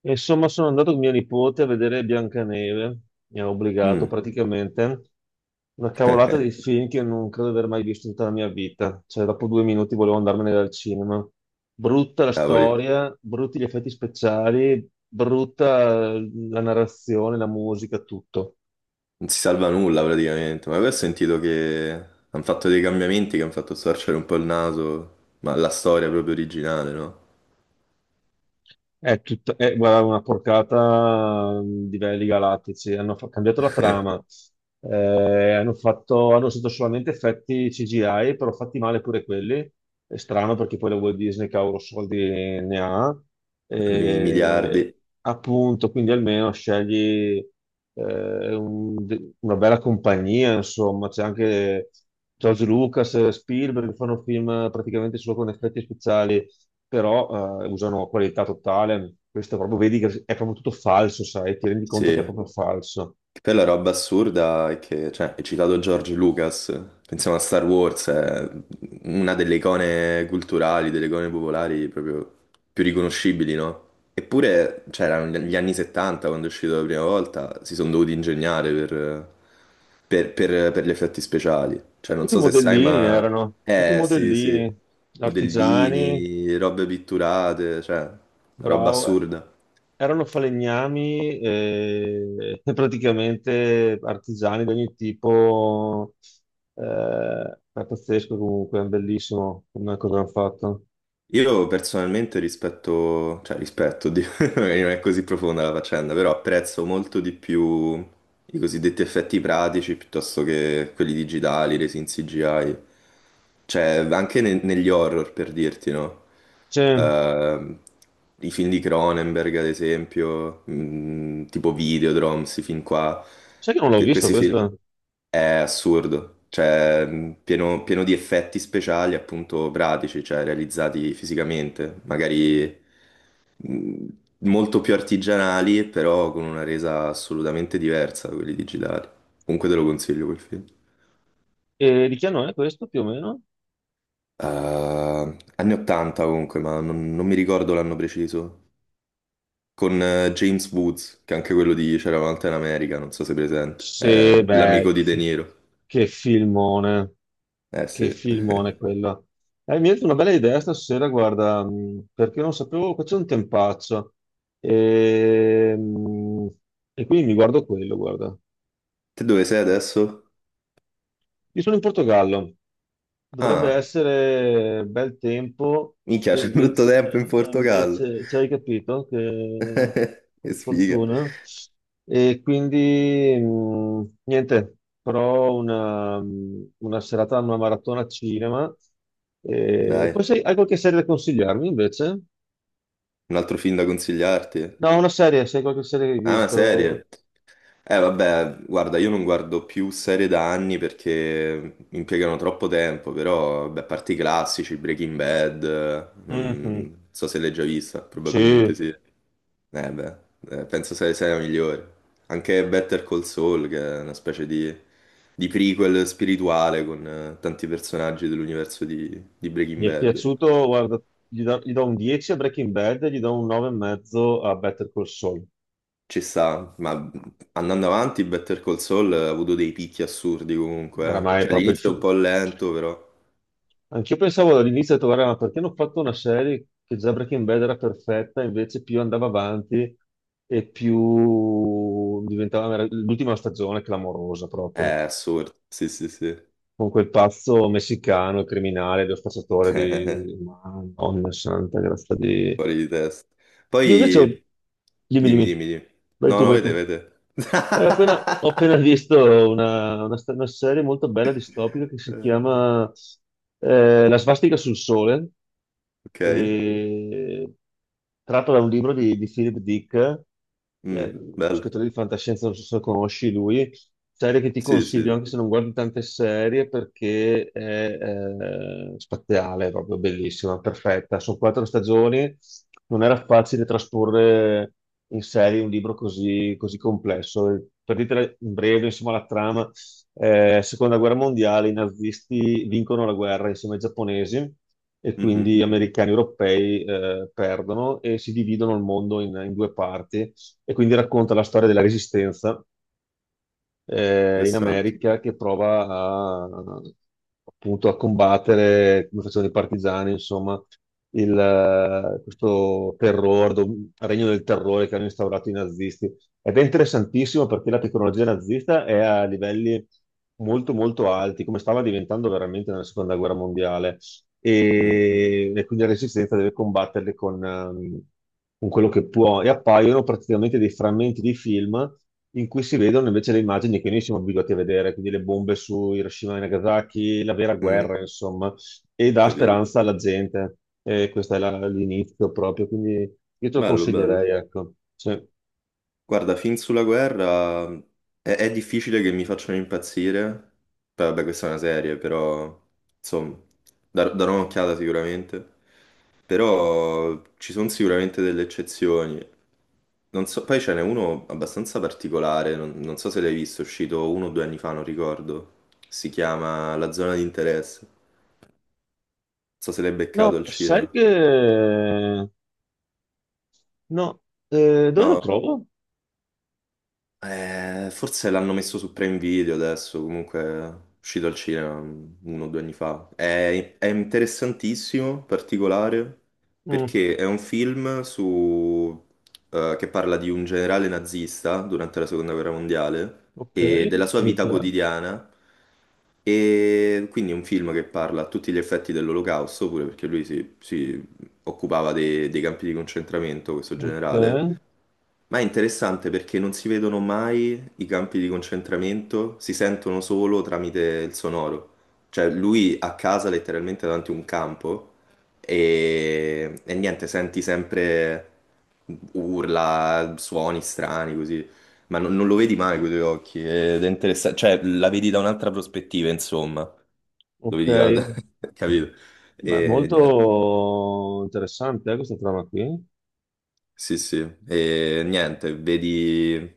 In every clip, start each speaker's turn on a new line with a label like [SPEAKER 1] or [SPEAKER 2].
[SPEAKER 1] E insomma, sono andato con mia nipote a vedere Biancaneve, mi ha obbligato
[SPEAKER 2] Mm,
[SPEAKER 1] praticamente. Una cavolata di film che non credo di aver mai visto in tutta la mia vita. Cioè, dopo 2 minuti volevo andarmene dal cinema. Brutta la
[SPEAKER 2] cavoli,
[SPEAKER 1] storia, brutti gli effetti speciali, brutta la narrazione, la musica, tutto.
[SPEAKER 2] non si salva nulla praticamente, ma poi ho sentito che hanno fatto dei cambiamenti che hanno fatto storcere un po' il naso, ma la storia proprio originale, no?
[SPEAKER 1] È tutta, è, guarda, una porcata di livelli galattici. Hanno cambiato la trama, hanno usato solamente effetti CGI, però fatti male pure quelli. È strano perché poi la Walt Disney, cavolo, soldi ne ha.
[SPEAKER 2] Nei
[SPEAKER 1] Eh,
[SPEAKER 2] miliardi,
[SPEAKER 1] appunto, quindi almeno scegli una bella compagnia, insomma. C'è anche George Lucas, Spielberg, che fanno film praticamente solo con effetti speciali, però usano qualità totale. Questo proprio vedi che è proprio tutto falso, sai, ti rendi conto che è
[SPEAKER 2] sì.
[SPEAKER 1] proprio falso.
[SPEAKER 2] Che poi la roba assurda è che, cioè, hai citato George Lucas, pensiamo a Star Wars, è una delle icone culturali, delle icone popolari proprio più riconoscibili, no? Eppure, cioè, erano gli anni 70 quando è uscito la prima volta, si sono dovuti ingegnare per, per gli effetti speciali. Cioè, non
[SPEAKER 1] Tutti i
[SPEAKER 2] so se sai,
[SPEAKER 1] modellini
[SPEAKER 2] ma.
[SPEAKER 1] erano, tutti i
[SPEAKER 2] Sì, sì,
[SPEAKER 1] modellini, artigiani,
[SPEAKER 2] modellini, robe pitturate, cioè, una roba
[SPEAKER 1] bravo,
[SPEAKER 2] assurda.
[SPEAKER 1] erano falegnami, e praticamente artigiani di ogni tipo. Eh, è pazzesco comunque, è bellissimo come cosa hanno fatto.
[SPEAKER 2] Io personalmente rispetto, cioè rispetto, oddio, magari non è così profonda la faccenda, però apprezzo molto di più i cosiddetti effetti pratici piuttosto che quelli digitali, resi in CGI. Cioè, anche negli horror, per dirti, no?
[SPEAKER 1] Cioè,
[SPEAKER 2] Ehm, I film di Cronenberg, ad esempio, tipo Videodrome, questi film qua.
[SPEAKER 1] sai che non l'ho
[SPEAKER 2] Que-
[SPEAKER 1] visto
[SPEAKER 2] questi film,
[SPEAKER 1] questo?
[SPEAKER 2] è assurdo, cioè pieno, pieno di effetti speciali appunto pratici, cioè realizzati fisicamente, magari mh, molto più artigianali, però con una resa assolutamente diversa da quelli digitali. Comunque te lo consiglio quel film.
[SPEAKER 1] E di che anno è questo più o meno?
[SPEAKER 2] Anni 80 comunque, ma non mi ricordo l'anno preciso. Con James Woods, che è anche quello di C'era una volta in America, non so se è presente.
[SPEAKER 1] Sì,
[SPEAKER 2] È
[SPEAKER 1] beh,
[SPEAKER 2] l'amico di De
[SPEAKER 1] sì.
[SPEAKER 2] Niro.
[SPEAKER 1] Che filmone,
[SPEAKER 2] Eh sì.
[SPEAKER 1] che filmone quello. Mi è venuta una bella idea stasera, guarda, perché non sapevo, qua c'è un tempaccio. E, mh, e quindi mi guardo quello, guarda.
[SPEAKER 2] Te dove sei adesso?
[SPEAKER 1] Io sono in Portogallo. Dovrebbe
[SPEAKER 2] Ah.
[SPEAKER 1] essere bel tempo
[SPEAKER 2] Minchia,
[SPEAKER 1] e
[SPEAKER 2] c'è tutto
[SPEAKER 1] invece,
[SPEAKER 2] tempo in Portogallo.
[SPEAKER 1] hai capito? che,
[SPEAKER 2] Che
[SPEAKER 1] che
[SPEAKER 2] sfiga.
[SPEAKER 1] fortuna. E quindi niente, però una serata, una maratona cinema. E
[SPEAKER 2] Dai,
[SPEAKER 1] poi hai qualche serie da consigliarmi invece?
[SPEAKER 2] un altro film da consigliarti.
[SPEAKER 1] No, una serie, se hai qualche serie che hai
[SPEAKER 2] Ah, una
[SPEAKER 1] visto.
[SPEAKER 2] serie. Eh vabbè, guarda, io non guardo più serie da anni perché impiegano troppo tempo, però, beh, a parte i classici, Breaking Bad,
[SPEAKER 1] Mhm.
[SPEAKER 2] non so se l'hai già vista,
[SPEAKER 1] Sì,
[SPEAKER 2] probabilmente
[SPEAKER 1] mi
[SPEAKER 2] sì. Eh beh, penso sia la migliore. Anche Better Call Saul, che è una specie di prequel spirituale con tanti personaggi dell'universo di Breaking
[SPEAKER 1] è
[SPEAKER 2] Bad.
[SPEAKER 1] piaciuto, guarda, gli do un 10 a Breaking Bad e gli do un 9,5 a Better Call Saul.
[SPEAKER 2] Ci sta, ma andando avanti, Better Call Saul ha avuto dei picchi assurdi comunque.
[SPEAKER 1] Oramai è
[SPEAKER 2] Cioè
[SPEAKER 1] proprio il
[SPEAKER 2] all'inizio è un
[SPEAKER 1] film.
[SPEAKER 2] po' lento, però.
[SPEAKER 1] Anch'io pensavo all'inizio, ho detto, "Guarda, ma perché hanno fatto una serie, che già Breaking Bad era perfetta?". Invece più andava avanti e più diventava l'ultima stagione è clamorosa
[SPEAKER 2] È
[SPEAKER 1] proprio,
[SPEAKER 2] assurdo, sì, sì, sì.
[SPEAKER 1] con quel pazzo messicano, il criminale, lo spacciatore di... Ma, Madonna santa, grazie di...
[SPEAKER 2] Fuori di testa.
[SPEAKER 1] Io invece ho...
[SPEAKER 2] Poi,
[SPEAKER 1] Dimmi,
[SPEAKER 2] dimmi,
[SPEAKER 1] dimmi.
[SPEAKER 2] dimmi, dimmi.
[SPEAKER 1] Vai
[SPEAKER 2] No,
[SPEAKER 1] tu,
[SPEAKER 2] no,
[SPEAKER 1] vai tu.
[SPEAKER 2] vede, vede.
[SPEAKER 1] Ho appena visto una serie molto bella distopica che si
[SPEAKER 2] Eh,
[SPEAKER 1] chiama La svastica sul sole,
[SPEAKER 2] Ok.
[SPEAKER 1] eh, tratto da un libro di Philip Dick, che è
[SPEAKER 2] Mm,
[SPEAKER 1] uno
[SPEAKER 2] bello.
[SPEAKER 1] scrittore di fantascienza, non so se lo conosci lui. Serie che ti
[SPEAKER 2] Sì,
[SPEAKER 1] consiglio
[SPEAKER 2] sì.
[SPEAKER 1] anche se non guardi tante serie, perché è spaziale, è proprio bellissima, perfetta. Sono quattro stagioni. Non era facile trasporre in serie un libro così, così complesso. Per dirtela in breve, insomma, la trama: seconda guerra mondiale, i nazisti vincono la guerra insieme ai giapponesi, e
[SPEAKER 2] Mhm.
[SPEAKER 1] quindi americani e europei perdono e si dividono il mondo in due parti. E quindi racconta la storia della resistenza in
[SPEAKER 2] Interessante.
[SPEAKER 1] America, che appunto a combattere, come facevano i partigiani, insomma, questo terrore, regno del terrore che hanno instaurato i nazisti. Ed è interessantissimo perché la tecnologia nazista è a livelli molto molto alti, come stava diventando veramente nella seconda guerra mondiale.
[SPEAKER 2] Mm,
[SPEAKER 1] E quindi la resistenza deve combatterle con quello che può, e appaiono praticamente dei frammenti di film in cui si vedono invece le immagini che noi siamo abituati a vedere, quindi le bombe su Hiroshima e Nagasaki, la vera
[SPEAKER 2] mm.
[SPEAKER 1] guerra, insomma, e dà
[SPEAKER 2] Capito.
[SPEAKER 1] speranza alla gente. E questo è l'inizio proprio, quindi io te lo
[SPEAKER 2] Bello, bello.
[SPEAKER 1] consiglierei, ecco. Sì.
[SPEAKER 2] Guarda, film sulla guerra è difficile che mi facciano impazzire. Beh, vabbè, questa è una serie, però insomma, darò un'occhiata sicuramente. Però ci sono sicuramente delle eccezioni. Non so, poi ce n'è uno abbastanza particolare, non so se l'hai visto, è uscito uno o due anni fa, non ricordo. Si chiama La zona di interesse. Non so se l'hai beccato
[SPEAKER 1] No,
[SPEAKER 2] al
[SPEAKER 1] sai
[SPEAKER 2] cinema.
[SPEAKER 1] che... No, dove lo
[SPEAKER 2] No,
[SPEAKER 1] trovo?
[SPEAKER 2] Forse l'hanno messo su Prime Video adesso, comunque è uscito al cinema uno o due anni fa. È interessantissimo, particolare,
[SPEAKER 1] Mm,
[SPEAKER 2] perché è un film che parla di un generale nazista durante la Seconda Guerra Mondiale
[SPEAKER 1] ok,
[SPEAKER 2] e della sua
[SPEAKER 1] mi
[SPEAKER 2] vita
[SPEAKER 1] piace.
[SPEAKER 2] quotidiana. E quindi è un film che parla a tutti gli effetti dell'Olocausto, pure perché lui si occupava dei campi di concentramento, questo
[SPEAKER 1] Ok,
[SPEAKER 2] generale, ma è interessante perché non si vedono mai i campi di concentramento, si sentono solo tramite il sonoro. Cioè lui a casa letteralmente davanti a un campo e niente, senti sempre urla, suoni strani così, ma non lo vedi mai con i tuoi occhi ed è interessante, cioè la vedi da un'altra prospettiva, insomma, lo
[SPEAKER 1] ok.
[SPEAKER 2] vedi da capito?
[SPEAKER 1] Beh,
[SPEAKER 2] E niente.
[SPEAKER 1] molto interessante, questa trama qui.
[SPEAKER 2] Sì, sì, e niente, vedi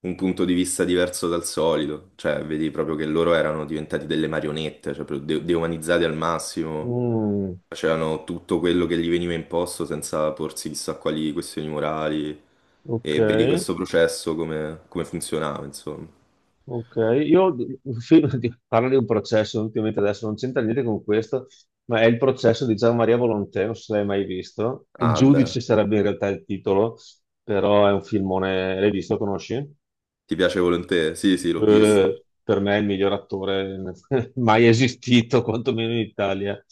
[SPEAKER 2] un punto di vista diverso dal solito, cioè vedi proprio che loro erano diventati delle marionette, cioè proprio deumanizzati al massimo,
[SPEAKER 1] Mm,
[SPEAKER 2] facevano tutto quello che gli veniva imposto senza porsi chissà quali questioni morali,
[SPEAKER 1] ok,
[SPEAKER 2] e vedi questo processo come funzionava, insomma.
[SPEAKER 1] ok. Io parlo di un processo, ultimamente. Adesso non c'entra niente con questo, ma è il processo di Gian Maria Volontè, non so se l'hai mai visto. Il
[SPEAKER 2] Ah, beh,
[SPEAKER 1] giudice sarebbe in realtà il titolo, però è un filmone. L'hai visto? Conosci?
[SPEAKER 2] ti piace Volonté? Sì, sì, l'ho visto.
[SPEAKER 1] Per me è il miglior attore mai esistito, quantomeno in Italia.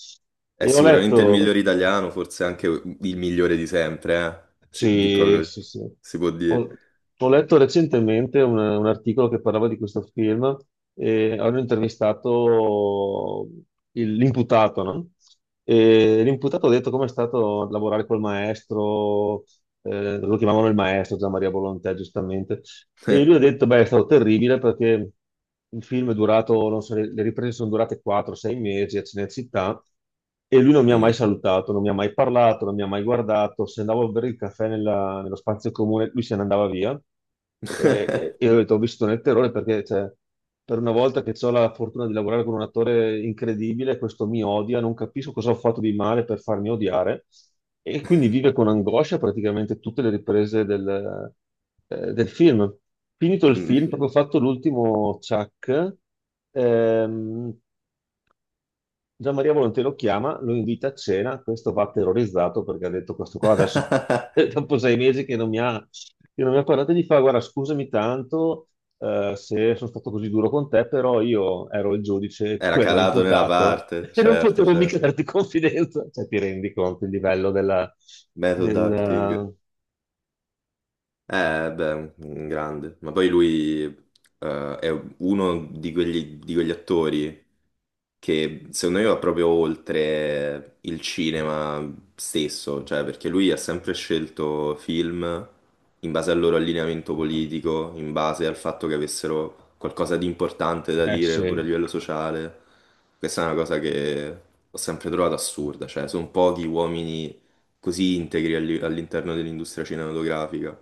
[SPEAKER 2] È
[SPEAKER 1] E ho
[SPEAKER 2] sicuramente il
[SPEAKER 1] letto.
[SPEAKER 2] migliore italiano, forse anche il migliore di sempre, eh? Sì, di
[SPEAKER 1] Sì,
[SPEAKER 2] proprio
[SPEAKER 1] sì, sì.
[SPEAKER 2] si può dire.
[SPEAKER 1] Ho, ho letto recentemente un articolo che parlava di questo film, e hanno intervistato l'imputato, no? E l'imputato ha detto com'è stato lavorare col maestro. Lo chiamavano il maestro, Gian Maria Volontè, giustamente. E lui ha detto, beh, è stato terribile, perché il film è durato, non so, le riprese sono durate 4-6 mesi a Cinecittà, e lui non mi ha mai
[SPEAKER 2] Mm.
[SPEAKER 1] salutato, non mi ha mai parlato, non mi ha mai guardato. Se andavo a bere il caffè nello spazio comune, lui se ne andava via. E io ho detto, ho visto nel terrore, perché cioè, per una volta che ho la fortuna di lavorare con un attore incredibile, questo mi odia, non capisco cosa ho fatto di male per farmi odiare. E quindi vive con angoscia praticamente tutte le riprese del film. Finito il
[SPEAKER 2] Mm.
[SPEAKER 1] film, proprio fatto l'ultimo Chuck, ehm, Gian Maria Volonté lo chiama, lo invita a cena. Questo va terrorizzato, perché ha detto, "questo qua adesso, dopo 6 mesi che non mi ha parlato", e gli fa, "guarda, scusami tanto, se sono stato così duro con te, però io ero il giudice e tu
[SPEAKER 2] Era
[SPEAKER 1] eri
[SPEAKER 2] calato nella
[SPEAKER 1] l'imputato"
[SPEAKER 2] parte,
[SPEAKER 1] "e non
[SPEAKER 2] certo,
[SPEAKER 1] potevo mica
[SPEAKER 2] certo.
[SPEAKER 1] darti confidenza". Cioè, ti rendi conto il livello della...
[SPEAKER 2] Method acting.
[SPEAKER 1] del-
[SPEAKER 2] Beh, un grande. Ma poi lui è uno di quegli attori che secondo me va proprio oltre il cinema stesso, cioè perché lui ha sempre scelto film in base al loro allineamento politico, in base al fatto che avessero qualcosa di importante da dire pure a
[SPEAKER 1] sì.
[SPEAKER 2] livello sociale. Questa è una cosa che ho sempre trovato assurda, cioè sono pochi uomini così integri all'interno dell'industria cinematografica,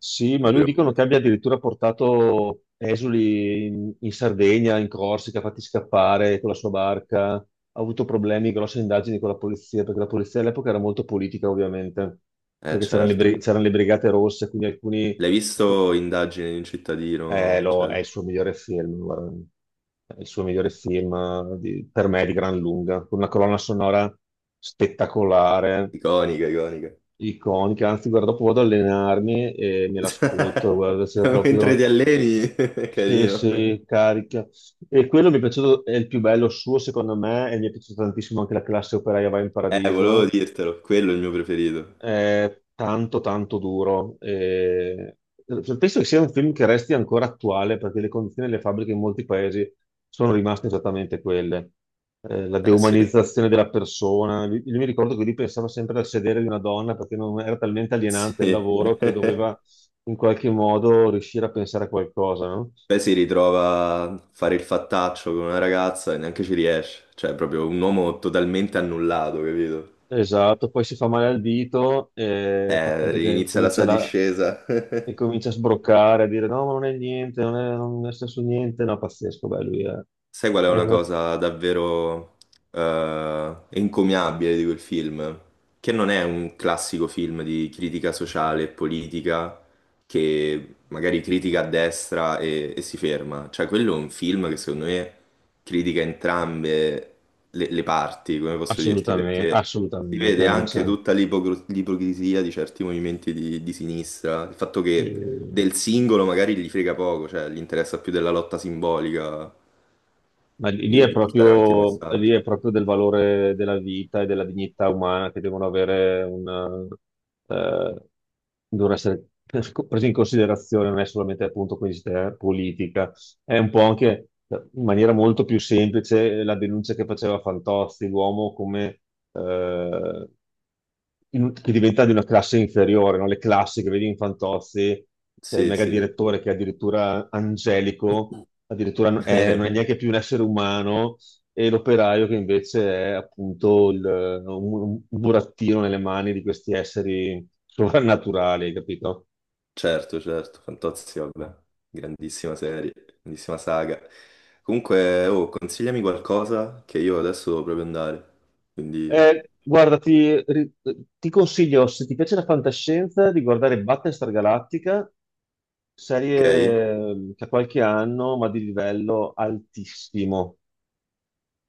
[SPEAKER 1] Sì, ma lui
[SPEAKER 2] davvero
[SPEAKER 1] dicono
[SPEAKER 2] pochi.
[SPEAKER 1] che abbia addirittura portato esuli in Sardegna, in Corsica, fatti scappare con la sua barca. Ha avuto problemi, grosse indagini con la polizia, perché la polizia all'epoca era molto politica, ovviamente,
[SPEAKER 2] Eh
[SPEAKER 1] perché c'erano
[SPEAKER 2] certo.
[SPEAKER 1] c'erano le Brigate Rosse, quindi alcuni...
[SPEAKER 2] L'hai visto Indagine di un cittadino? Cioè,
[SPEAKER 1] È il suo migliore film, guarda. È il suo migliore film, per me di gran lunga, con una colonna sonora spettacolare.
[SPEAKER 2] iconica, iconica.
[SPEAKER 1] Iconica, anzi, guarda, dopo vado ad allenarmi e me l'ascolto, guarda, se
[SPEAKER 2] Mentre
[SPEAKER 1] proprio
[SPEAKER 2] ti alleni, è
[SPEAKER 1] se,
[SPEAKER 2] carino.
[SPEAKER 1] se carica. E quello mi è piaciuto, è il più bello suo, secondo me, e mi è piaciuta tantissimo anche la classe operaia va in
[SPEAKER 2] Volevo
[SPEAKER 1] paradiso.
[SPEAKER 2] dirtelo, quello è il mio preferito.
[SPEAKER 1] È tanto, tanto duro. Penso che sia un film che resti ancora attuale, perché le condizioni delle fabbriche in molti paesi sono rimaste esattamente quelle. La
[SPEAKER 2] Eh sì,
[SPEAKER 1] deumanizzazione della persona. Io mi ricordo che lui pensava sempre al sedere di una donna, perché non era talmente alienante il
[SPEAKER 2] sì.
[SPEAKER 1] lavoro, che
[SPEAKER 2] Poi
[SPEAKER 1] doveva in qualche modo riuscire a pensare a qualcosa, no?
[SPEAKER 2] si ritrova a fare il fattaccio con una ragazza e neanche ci riesce. Cioè, è proprio un uomo totalmente annullato, capito?
[SPEAKER 1] Esatto, poi si fa male al dito, fa finta che
[SPEAKER 2] Inizia la
[SPEAKER 1] comincia
[SPEAKER 2] sua discesa.
[SPEAKER 1] e comincia a sbroccare, a dire no, ma non è niente, non è stesso niente, no, pazzesco. Beh, lui è,
[SPEAKER 2] Sai qual è
[SPEAKER 1] è
[SPEAKER 2] una
[SPEAKER 1] una-
[SPEAKER 2] cosa davvero encomiabile di quel film? Che non è un classico film di critica sociale e politica che magari critica a destra e si ferma. Cioè, quello è un film che secondo me critica entrambe le parti, come posso dirti,
[SPEAKER 1] assolutamente,
[SPEAKER 2] perché si
[SPEAKER 1] assolutamente,
[SPEAKER 2] vede
[SPEAKER 1] non
[SPEAKER 2] anche
[SPEAKER 1] c'è.
[SPEAKER 2] tutta l'ipocrisia di certi movimenti di sinistra, il fatto
[SPEAKER 1] Sì.
[SPEAKER 2] che del singolo magari gli frega poco, cioè gli interessa più della lotta simbolica
[SPEAKER 1] Ma lì lì
[SPEAKER 2] di,
[SPEAKER 1] è
[SPEAKER 2] di portare avanti il
[SPEAKER 1] proprio, lì
[SPEAKER 2] messaggio.
[SPEAKER 1] è proprio del valore della vita e della dignità umana, che eh, devono essere presi in considerazione, non è solamente, appunto, questa politica. È un po' anche, in maniera molto più semplice, la denuncia che faceva Fantozzi, l'uomo come, eh, che diventa di una classe inferiore, no? Le classi che vedi in Fantozzi, cioè il
[SPEAKER 2] Sì,
[SPEAKER 1] mega
[SPEAKER 2] sì,
[SPEAKER 1] direttore che è addirittura angelico, addirittura non è neanche più un essere umano, e l'operaio che invece è, appunto, un, un burattino nelle mani di questi esseri sovrannaturali, capito?
[SPEAKER 2] certo, certo, Fantozzi, vabbè, grandissima serie, grandissima saga. Comunque, oh, consigliami qualcosa che io adesso devo proprio andare, quindi,
[SPEAKER 1] Guarda, ti consiglio, se ti piace la fantascienza, di guardare Battlestar Galactica,
[SPEAKER 2] ok?
[SPEAKER 1] serie, che ha qualche anno, ma di livello altissimo.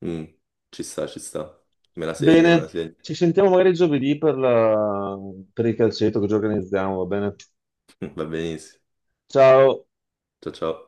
[SPEAKER 2] Mm, ci sta, me
[SPEAKER 1] Bene,
[SPEAKER 2] la segno,
[SPEAKER 1] ci sentiamo magari giovedì per per il calcetto che ci organizziamo, va bene?
[SPEAKER 2] va benissimo,
[SPEAKER 1] Ciao!
[SPEAKER 2] ciao ciao.